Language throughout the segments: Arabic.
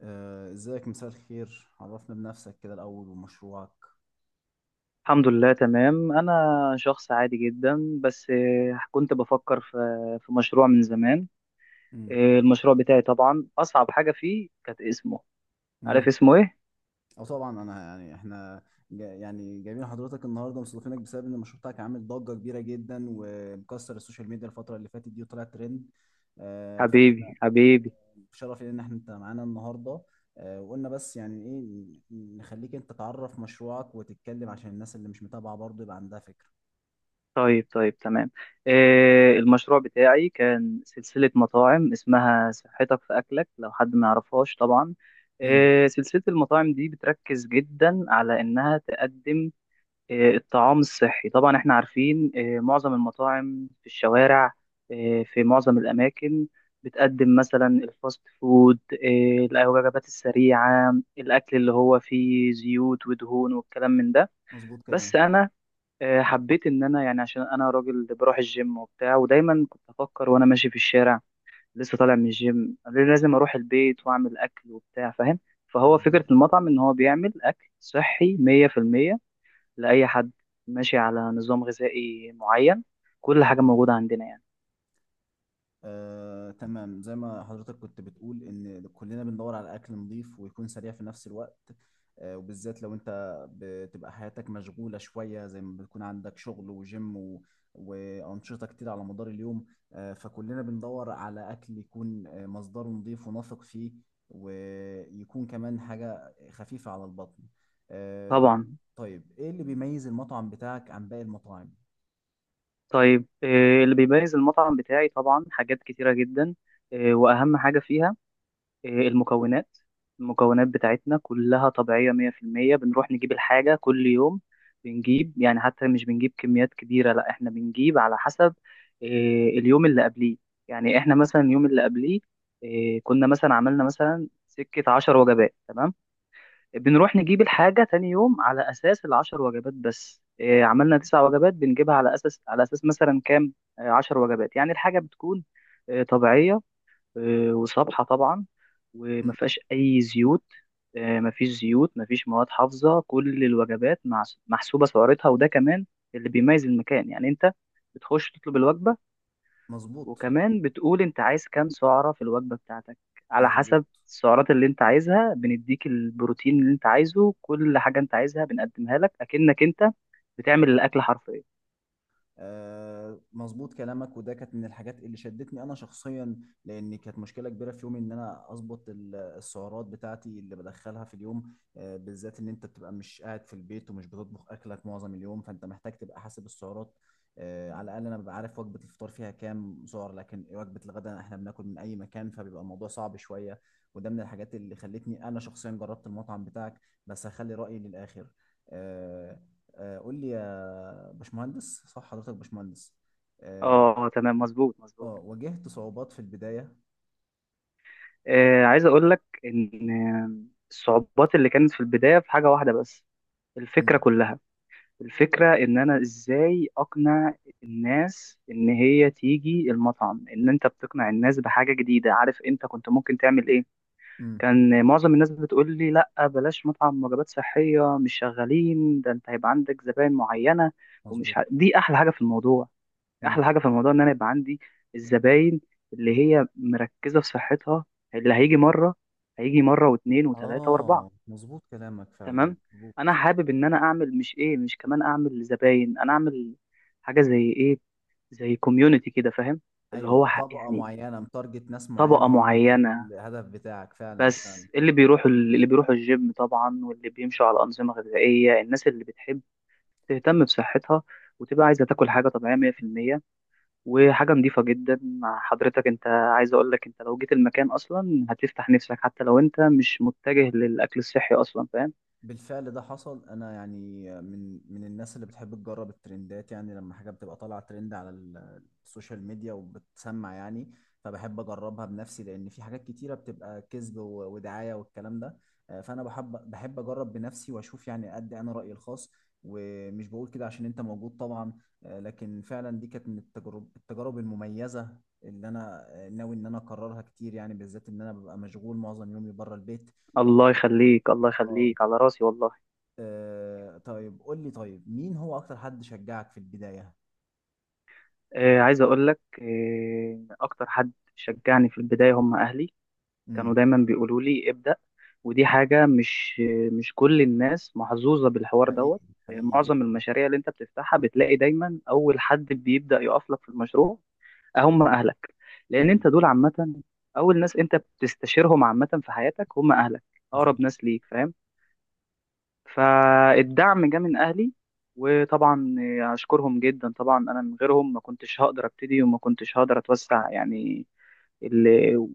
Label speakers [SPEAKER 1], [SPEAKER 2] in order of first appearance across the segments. [SPEAKER 1] ازيك مساء الخير، عرفنا بنفسك كده الاول ومشروعك.
[SPEAKER 2] الحمد لله، تمام. أنا شخص عادي جدا بس كنت بفكر في مشروع من زمان.
[SPEAKER 1] امم
[SPEAKER 2] المشروع بتاعي طبعا أصعب حاجة فيه كانت اسمه. عارف
[SPEAKER 1] امم
[SPEAKER 2] اسمه إيه؟
[SPEAKER 1] او طبعا انا يعني احنا جا يعني جايبين حضرتك النهارده، مستضيفينك بسبب ان المشروع بتاعك عامل ضجه كبيره جدا ومكسر السوشيال ميديا الفتره اللي فاتت دي وطلع ترند. فاحنا
[SPEAKER 2] حبيبي حبيبي.
[SPEAKER 1] بشرف لينا ان احنا انت معانا النهارده. وقلنا بس يعني ايه نخليك انت تعرف مشروعك وتتكلم عشان الناس اللي مش متابعه برضه يبقى عندها فكره.
[SPEAKER 2] طيب طيب، تمام. المشروع بتاعي كان سلسلة مطاعم اسمها صحتك في أكلك، لو حد ما يعرفهاش طبعا.
[SPEAKER 1] امم.
[SPEAKER 2] سلسلة المطاعم دي بتركز جدا على إنها تقدم الطعام الصحي. طبعا احنا عارفين معظم المطاعم في الشوارع، في معظم الأماكن، بتقدم مثلا الفاست فود، الوجبات السريعة، الأكل اللي هو فيه زيوت ودهون والكلام من ده.
[SPEAKER 1] مظبوط كلام.
[SPEAKER 2] بس أنا حبيت إن أنا، يعني عشان أنا راجل بروح الجيم وبتاع، ودايما كنت أفكر وأنا ماشي في الشارع لسه طالع من الجيم لازم أروح البيت وأعمل أكل وبتاع، فاهم؟ فهو
[SPEAKER 1] مظبوط.
[SPEAKER 2] فكرة المطعم إن هو بيعمل أكل صحي 100% لأي حد ماشي على نظام غذائي معين. كل حاجة موجودة عندنا يعني.
[SPEAKER 1] تمام، زي ما حضرتك كنت بتقول ان كلنا بندور على اكل نظيف ويكون سريع في نفس الوقت. وبالذات لو انت بتبقى حياتك مشغولة شوية، زي ما بتكون عندك شغل وجيم وأنشطة كتير على مدار اليوم. فكلنا بندور على أكل يكون مصدره نظيف ونثق فيه، ويكون كمان حاجة خفيفة على البطن. آه،
[SPEAKER 2] طبعا.
[SPEAKER 1] طيب إيه اللي بيميز المطعم بتاعك عن باقي المطاعم؟
[SPEAKER 2] طيب، اللي بيميز المطعم بتاعي طبعا حاجات كتيرة جدا. وأهم حاجة فيها آه، المكونات المكونات بتاعتنا كلها طبيعية 100%. بنروح نجيب الحاجة كل يوم، بنجيب يعني، حتى مش بنجيب كميات كبيرة، لا احنا بنجيب على حسب آه، اليوم اللي قبليه. يعني احنا مثلا اليوم اللي قبليه كنا مثلا عملنا مثلا سكة عشر وجبات، تمام؟ بنروح نجيب الحاجة تاني يوم على أساس العشر وجبات. بس إيه، عملنا تسع وجبات بنجيبها على أساس مثلا كام؟ عشر وجبات. يعني الحاجة بتكون طبيعية وصبحة طبعا، وما
[SPEAKER 1] مم.
[SPEAKER 2] فيهاش أي زيوت. ما فيش زيوت، ما فيش مواد حافظة. كل الوجبات محسوبة سعرتها، وده كمان اللي بيميز المكان. يعني أنت بتخش تطلب الوجبة،
[SPEAKER 1] مظبوط.
[SPEAKER 2] وكمان بتقول انت عايز كام سعرة في الوجبة بتاعتك، على
[SPEAKER 1] مظبوط.
[SPEAKER 2] حسب السعرات اللي انت عايزها بنديك البروتين اللي انت عايزه، كل حاجة انت عايزها بنقدمها لك اكنك انت بتعمل الاكل حرفيا.
[SPEAKER 1] مظبوط كلامك، وده كانت من الحاجات اللي شدتني انا شخصيا، لان كانت مشكله كبيره في يومي ان انا اظبط السعرات بتاعتي اللي بدخلها في اليوم. بالذات ان انت بتبقى مش قاعد في البيت ومش بتطبخ اكلك معظم اليوم، فانت محتاج تبقى حاسب السعرات. على الاقل انا ببقى عارف وجبه الفطار فيها كام سعر، لكن وجبه الغداء احنا بناكل من اي مكان فبيبقى الموضوع صعب شويه. وده من الحاجات اللي خلتني انا شخصيا جربت المطعم بتاعك، بس هخلي رايي للاخر. آه، قول لي يا باشمهندس، صح حضرتك باشمهندس؟ اه.
[SPEAKER 2] اه تمام، مظبوط مظبوط.
[SPEAKER 1] واجهت صعوبات في البداية؟
[SPEAKER 2] عايز اقول لك ان الصعوبات اللي كانت في البداية في حاجة واحدة بس، الفكرة
[SPEAKER 1] امم.
[SPEAKER 2] كلها. الفكرة ان انا ازاي اقنع الناس ان هي تيجي المطعم، ان انت بتقنع الناس بحاجة جديدة. عارف انت كنت ممكن تعمل ايه؟
[SPEAKER 1] امم.
[SPEAKER 2] كان معظم الناس بتقول لي لا بلاش مطعم وجبات صحية، مش شغالين ده، انت هيبقى عندك زباين معينة.
[SPEAKER 1] مظبوط.
[SPEAKER 2] دي
[SPEAKER 1] امم.
[SPEAKER 2] احلى حاجة في الموضوع ان انا يبقى عندي الزباين اللي هي مركزة في صحتها، اللي هيجي مرة واثنين وثلاثة واربعة.
[SPEAKER 1] اه، مظبوط كلامك فعلا،
[SPEAKER 2] تمام.
[SPEAKER 1] مظبوط.
[SPEAKER 2] انا حابب ان انا اعمل، مش ايه، مش كمان اعمل زباين، انا اعمل حاجة زي ايه، زي كوميونيتي كده، فاهم؟ اللي هو
[SPEAKER 1] ايوه، طبقة
[SPEAKER 2] يعني
[SPEAKER 1] معينة متارجت، ناس معينة
[SPEAKER 2] طبقة
[SPEAKER 1] هم دول
[SPEAKER 2] معينة،
[SPEAKER 1] الهدف بتاعك فعلا.
[SPEAKER 2] بس اللي بيروحوا الجيم طبعا، واللي بيمشوا على أنظمة غذائية، الناس اللي بتحب تهتم بصحتها، وتبقى عايزة تاكل حاجة طبيعية 100% وحاجة نظيفة جدا. مع حضرتك، انت عايز اقول لك انت لو جيت المكان اصلا هتفتح نفسك حتى لو انت مش متجه للأكل الصحي اصلا، فاهم؟
[SPEAKER 1] بالفعل ده حصل، انا يعني من الناس اللي بتحب تجرب الترندات، يعني لما حاجه بتبقى طالعه ترند على السوشيال ميديا وبتسمع يعني، فبحب اجربها بنفسي، لان في حاجات كتيره بتبقى كذب ودعايه والكلام ده. فانا بحب اجرب بنفسي واشوف يعني ادي انا رايي الخاص، ومش بقول كده عشان انت موجود طبعا. لكن فعلا دي كانت من التجارب المميزه اللي انا ناوي ان انا اكررها كتير، يعني بالذات ان انا ببقى مشغول معظم يومي بره البيت.
[SPEAKER 2] الله يخليك الله
[SPEAKER 1] اه.
[SPEAKER 2] يخليك، على راسي والله.
[SPEAKER 1] آه طيب قول لي، طيب مين هو اكتر حد شجعك في البداية؟
[SPEAKER 2] عايز اقول لك اكتر حد شجعني في البداية هم اهلي. كانوا
[SPEAKER 1] امم.
[SPEAKER 2] دايما بيقولوا لي ابدأ، ودي حاجة مش كل الناس محظوظة بالحوار دوت.
[SPEAKER 1] حقيقي. حقيقي
[SPEAKER 2] معظم
[SPEAKER 1] جدا.
[SPEAKER 2] المشاريع اللي انت بتفتحها بتلاقي دايما اول حد بيبدأ يقف لك في المشروع هم اهلك، لان انت
[SPEAKER 1] حقيقي.
[SPEAKER 2] دول عامة اول ناس انت بتستشيرهم عامة في حياتك هم اهلك، اقرب
[SPEAKER 1] مظبوط.
[SPEAKER 2] ناس ليك، فاهم؟ فالدعم جه من اهلي، وطبعا اشكرهم جدا. طبعا انا من غيرهم ما كنتش هقدر ابتدي وما كنتش هقدر اتوسع يعني. ال-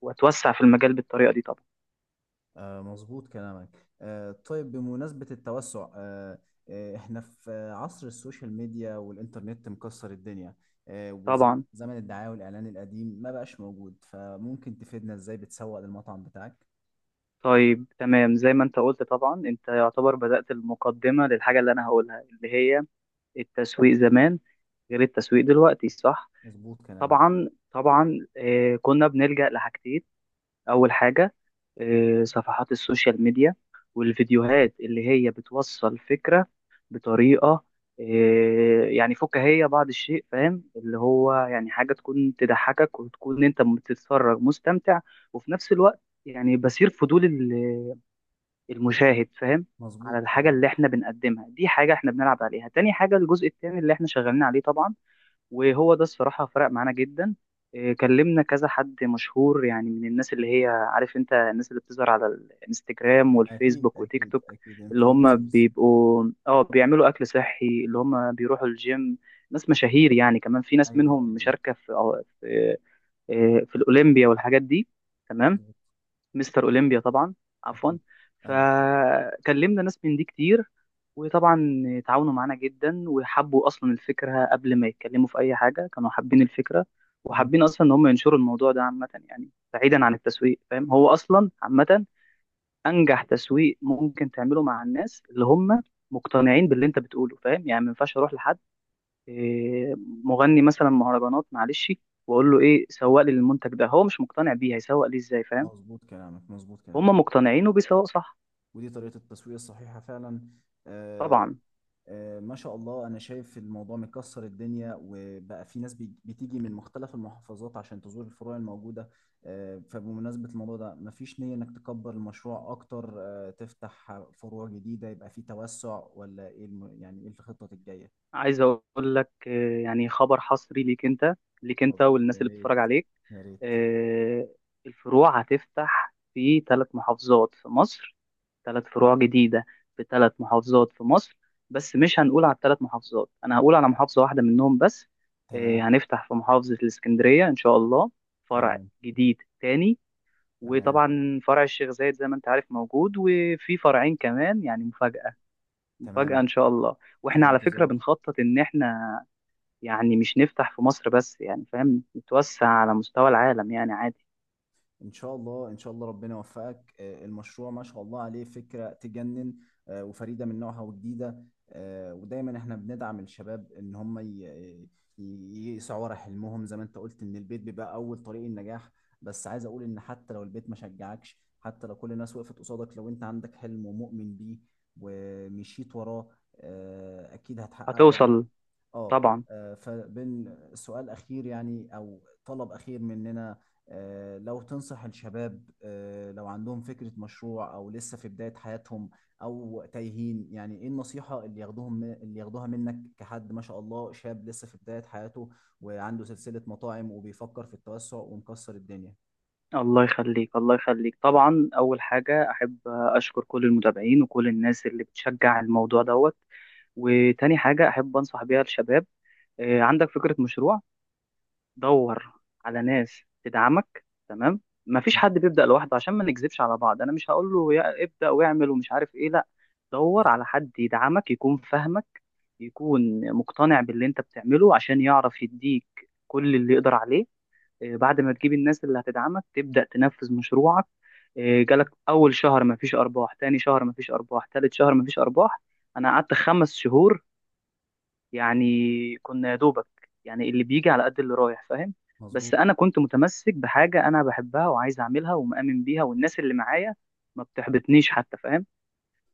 [SPEAKER 2] واتوسع في المجال بالطريقة دي طبعا.
[SPEAKER 1] آه مظبوط كلامك. آه طيب بمناسبة التوسع، احنا في عصر السوشيال ميديا والإنترنت مكسر الدنيا. آه،
[SPEAKER 2] طبعا،
[SPEAKER 1] وزمن الدعاية والإعلان القديم ما بقاش موجود، فممكن تفيدنا ازاي بتسوق للمطعم بتاعك؟
[SPEAKER 2] طيب، تمام. زي ما انت قلت، طبعا انت يعتبر بدأت المقدمة للحاجة اللي انا هقولها اللي هي التسويق زمان غير التسويق دلوقتي، صح؟
[SPEAKER 1] مظبوط كلامك.
[SPEAKER 2] طبعا طبعا. كنا بنلجأ لحاجتين. اول حاجة صفحات السوشيال ميديا، والفيديوهات اللي هي بتوصل فكرة بطريقة يعني فكاهية بعض الشيء، فاهم؟ اللي هو يعني حاجة تكون تضحكك وتكون انت بتتفرج مستمتع، وفي نفس الوقت يعني بصير فضول المشاهد، فاهم؟
[SPEAKER 1] مظبوط.
[SPEAKER 2] على الحاجة
[SPEAKER 1] مظبوط.
[SPEAKER 2] اللي احنا بنقدمها. دي حاجة احنا بنلعب عليها. تاني حاجة، الجزء التاني اللي احنا شغالين عليه طبعا، وهو ده الصراحة فرق معانا جدا. إيه، كلمنا كذا حد مشهور. يعني من الناس اللي هي، عارف انت، الناس اللي بتظهر على الانستجرام
[SPEAKER 1] أكيد
[SPEAKER 2] والفيسبوك وتيك
[SPEAKER 1] أكيد
[SPEAKER 2] توك،
[SPEAKER 1] أكيد،
[SPEAKER 2] اللي هم
[SPEAKER 1] انفلونسرز.
[SPEAKER 2] بيبقوا اه بيعملوا اكل صحي، اللي هم بيروحوا الجيم، ناس مشاهير يعني. كمان في ناس
[SPEAKER 1] أيوه
[SPEAKER 2] منهم
[SPEAKER 1] أيوه.
[SPEAKER 2] مشاركة في الاولمبيا والحاجات دي، تمام.
[SPEAKER 1] مظبوط.
[SPEAKER 2] مستر اولمبيا طبعا، عفوا.
[SPEAKER 1] أكيد. أيوه.
[SPEAKER 2] فكلمنا ناس من دي كتير، وطبعا تعاونوا معانا جدا، وحبوا اصلا الفكره قبل ما يتكلموا في اي حاجه، كانوا حابين الفكره،
[SPEAKER 1] مم.
[SPEAKER 2] وحابين اصلا ان هم ينشروا الموضوع ده عامه يعني، بعيدا عن التسويق، فاهم؟ هو اصلا عامه انجح تسويق ممكن تعمله مع الناس اللي هم مقتنعين باللي انت بتقوله، فاهم؟ يعني ما ينفعش اروح لحد إيه، مغني مثلا مهرجانات، معلش، واقول له ايه سوق لي المنتج ده، هو مش مقتنع بيه هيسوق ليه ازاي، فاهم؟
[SPEAKER 1] مظبوط كلامك، مظبوط كلامك.
[SPEAKER 2] هم مقتنعين وبيسوقوا صح.
[SPEAKER 1] ودي طريقة التسويق الصحيحة فعلا. آه،
[SPEAKER 2] طبعا.
[SPEAKER 1] ما شاء الله، أنا شايف الموضوع مكسر الدنيا وبقى في ناس بتيجي من مختلف المحافظات عشان تزور الفروع الموجودة. فبمناسبة الموضوع ده، مفيش نية إنك تكبر المشروع أكتر، تفتح فروع جديدة يبقى في توسع، ولا إيه يعني إيه الخطة الجاية؟
[SPEAKER 2] عايز اقول لك يعني خبر حصري ليك انت، ليك انت
[SPEAKER 1] اتفضل
[SPEAKER 2] والناس
[SPEAKER 1] يا
[SPEAKER 2] اللي
[SPEAKER 1] ريت،
[SPEAKER 2] بتتفرج عليك.
[SPEAKER 1] يا ريت.
[SPEAKER 2] آه، الفروع هتفتح في ثلاث محافظات في مصر، ثلاث فروع جديدة، في ثلاث محافظات في مصر. بس مش هنقول على الثلاث محافظات، انا هقول على محافظة واحدة منهم بس.
[SPEAKER 1] تمام.
[SPEAKER 2] هنفتح في محافظة الاسكندرية ان شاء الله، فرع
[SPEAKER 1] تمام.
[SPEAKER 2] جديد تاني.
[SPEAKER 1] تمام.
[SPEAKER 2] وطبعا فرع الشيخ زايد زي ما انت عارف موجود، وفي فرعين كمان يعني، مفاجأة. مفاجأة
[SPEAKER 1] تمام.
[SPEAKER 2] إن شاء الله.
[SPEAKER 1] في
[SPEAKER 2] وإحنا على فكرة
[SPEAKER 1] الانتظار.
[SPEAKER 2] بنخطط إن إحنا يعني مش نفتح في مصر بس يعني، فاهم؟ نتوسع على مستوى العالم يعني، عادي.
[SPEAKER 1] ان شاء الله، ان شاء الله ربنا يوفقك. آه، المشروع ما شاء الله عليه، فكرة تجنن وفريدة من نوعها وجديدة. ودايما احنا بندعم الشباب ان هم يسعوا ورا حلمهم، زي ما انت قلت ان البيت بيبقى اول طريق النجاح. بس عايز اقول ان حتى لو البيت ما شجعكش، حتى لو كل الناس وقفت قصادك، لو انت عندك حلم ومؤمن بيه ومشيت وراه، اكيد هتحققه يعني.
[SPEAKER 2] هتوصل
[SPEAKER 1] اه.
[SPEAKER 2] طبعا.
[SPEAKER 1] فبين سؤال اخير يعني او طلب اخير مننا، لو تنصح الشباب، لو عندهم فكرة مشروع او لسه في بداية حياتهم او تايهين، يعني ايه النصيحة اللي ياخدوهم اللي ياخدوها منك كحد ما شاء الله شاب لسه في بداية حياته وعنده سلسلة مطاعم وبيفكر في التوسع ومكسر الدنيا.
[SPEAKER 2] الله يخليك الله يخليك. طبعا أول حاجة أحب أشكر كل المتابعين وكل الناس اللي بتشجع الموضوع دوت. وتاني حاجة أحب أنصح بيها الشباب، إيه، عندك فكرة مشروع، دور على ناس تدعمك، تمام. مفيش
[SPEAKER 1] مم.
[SPEAKER 2] حد بيبدأ لوحده، عشان ما نكذبش على بعض انا مش هقول له يا ابدأ واعمل ومش عارف ايه، لا. دور على حد يدعمك، يكون فاهمك، يكون مقتنع باللي انت بتعمله عشان يعرف يديك كل اللي يقدر عليه. بعد ما تجيب الناس اللي هتدعمك تبدأ تنفذ مشروعك. جالك اول شهر مفيش ارباح، تاني شهر مفيش ارباح، تالت شهر مفيش ارباح. انا قعدت 5 شهور يعني، كنا يا دوبك يعني، اللي بيجي على قد اللي رايح، فاهم؟ بس
[SPEAKER 1] مظبوط.
[SPEAKER 2] انا كنت متمسك بحاجه انا بحبها وعايز اعملها ومؤمن بيها، والناس اللي معايا ما بتحبطنيش حتى، فاهم؟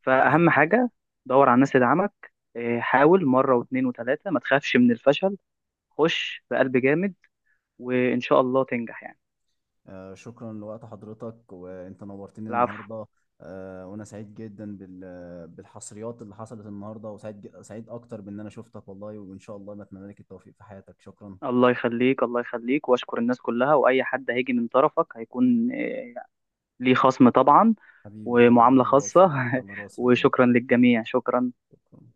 [SPEAKER 2] فاهم
[SPEAKER 1] مظبوط.
[SPEAKER 2] حاجه، دور على الناس اللي دعمك. إيه، حاول مره واتنين وتلاته، ما تخافش من الفشل، خش بقلب جامد، وان شاء الله تنجح يعني.
[SPEAKER 1] آه، شكرا لوقت حضرتك، وانت نورتني
[SPEAKER 2] العفو.
[SPEAKER 1] النهارده. وانا سعيد جدا بالحصريات اللي حصلت النهارده، وسعيد سعيد اكتر بان انا شفتك والله، وان شاء الله بتمنى لك التوفيق في حياتك. شكرا.
[SPEAKER 2] الله يخليك الله يخليك، واشكر الناس كلها، واي حد هيجي من طرفك هيكون إيه، ليه خصم طبعا
[SPEAKER 1] حبيبي حبيبي
[SPEAKER 2] ومعامله
[SPEAKER 1] على راسي.
[SPEAKER 2] خاصه.
[SPEAKER 1] على راسي والله.
[SPEAKER 2] وشكرا للجميع، شكرا.
[SPEAKER 1] شكرا.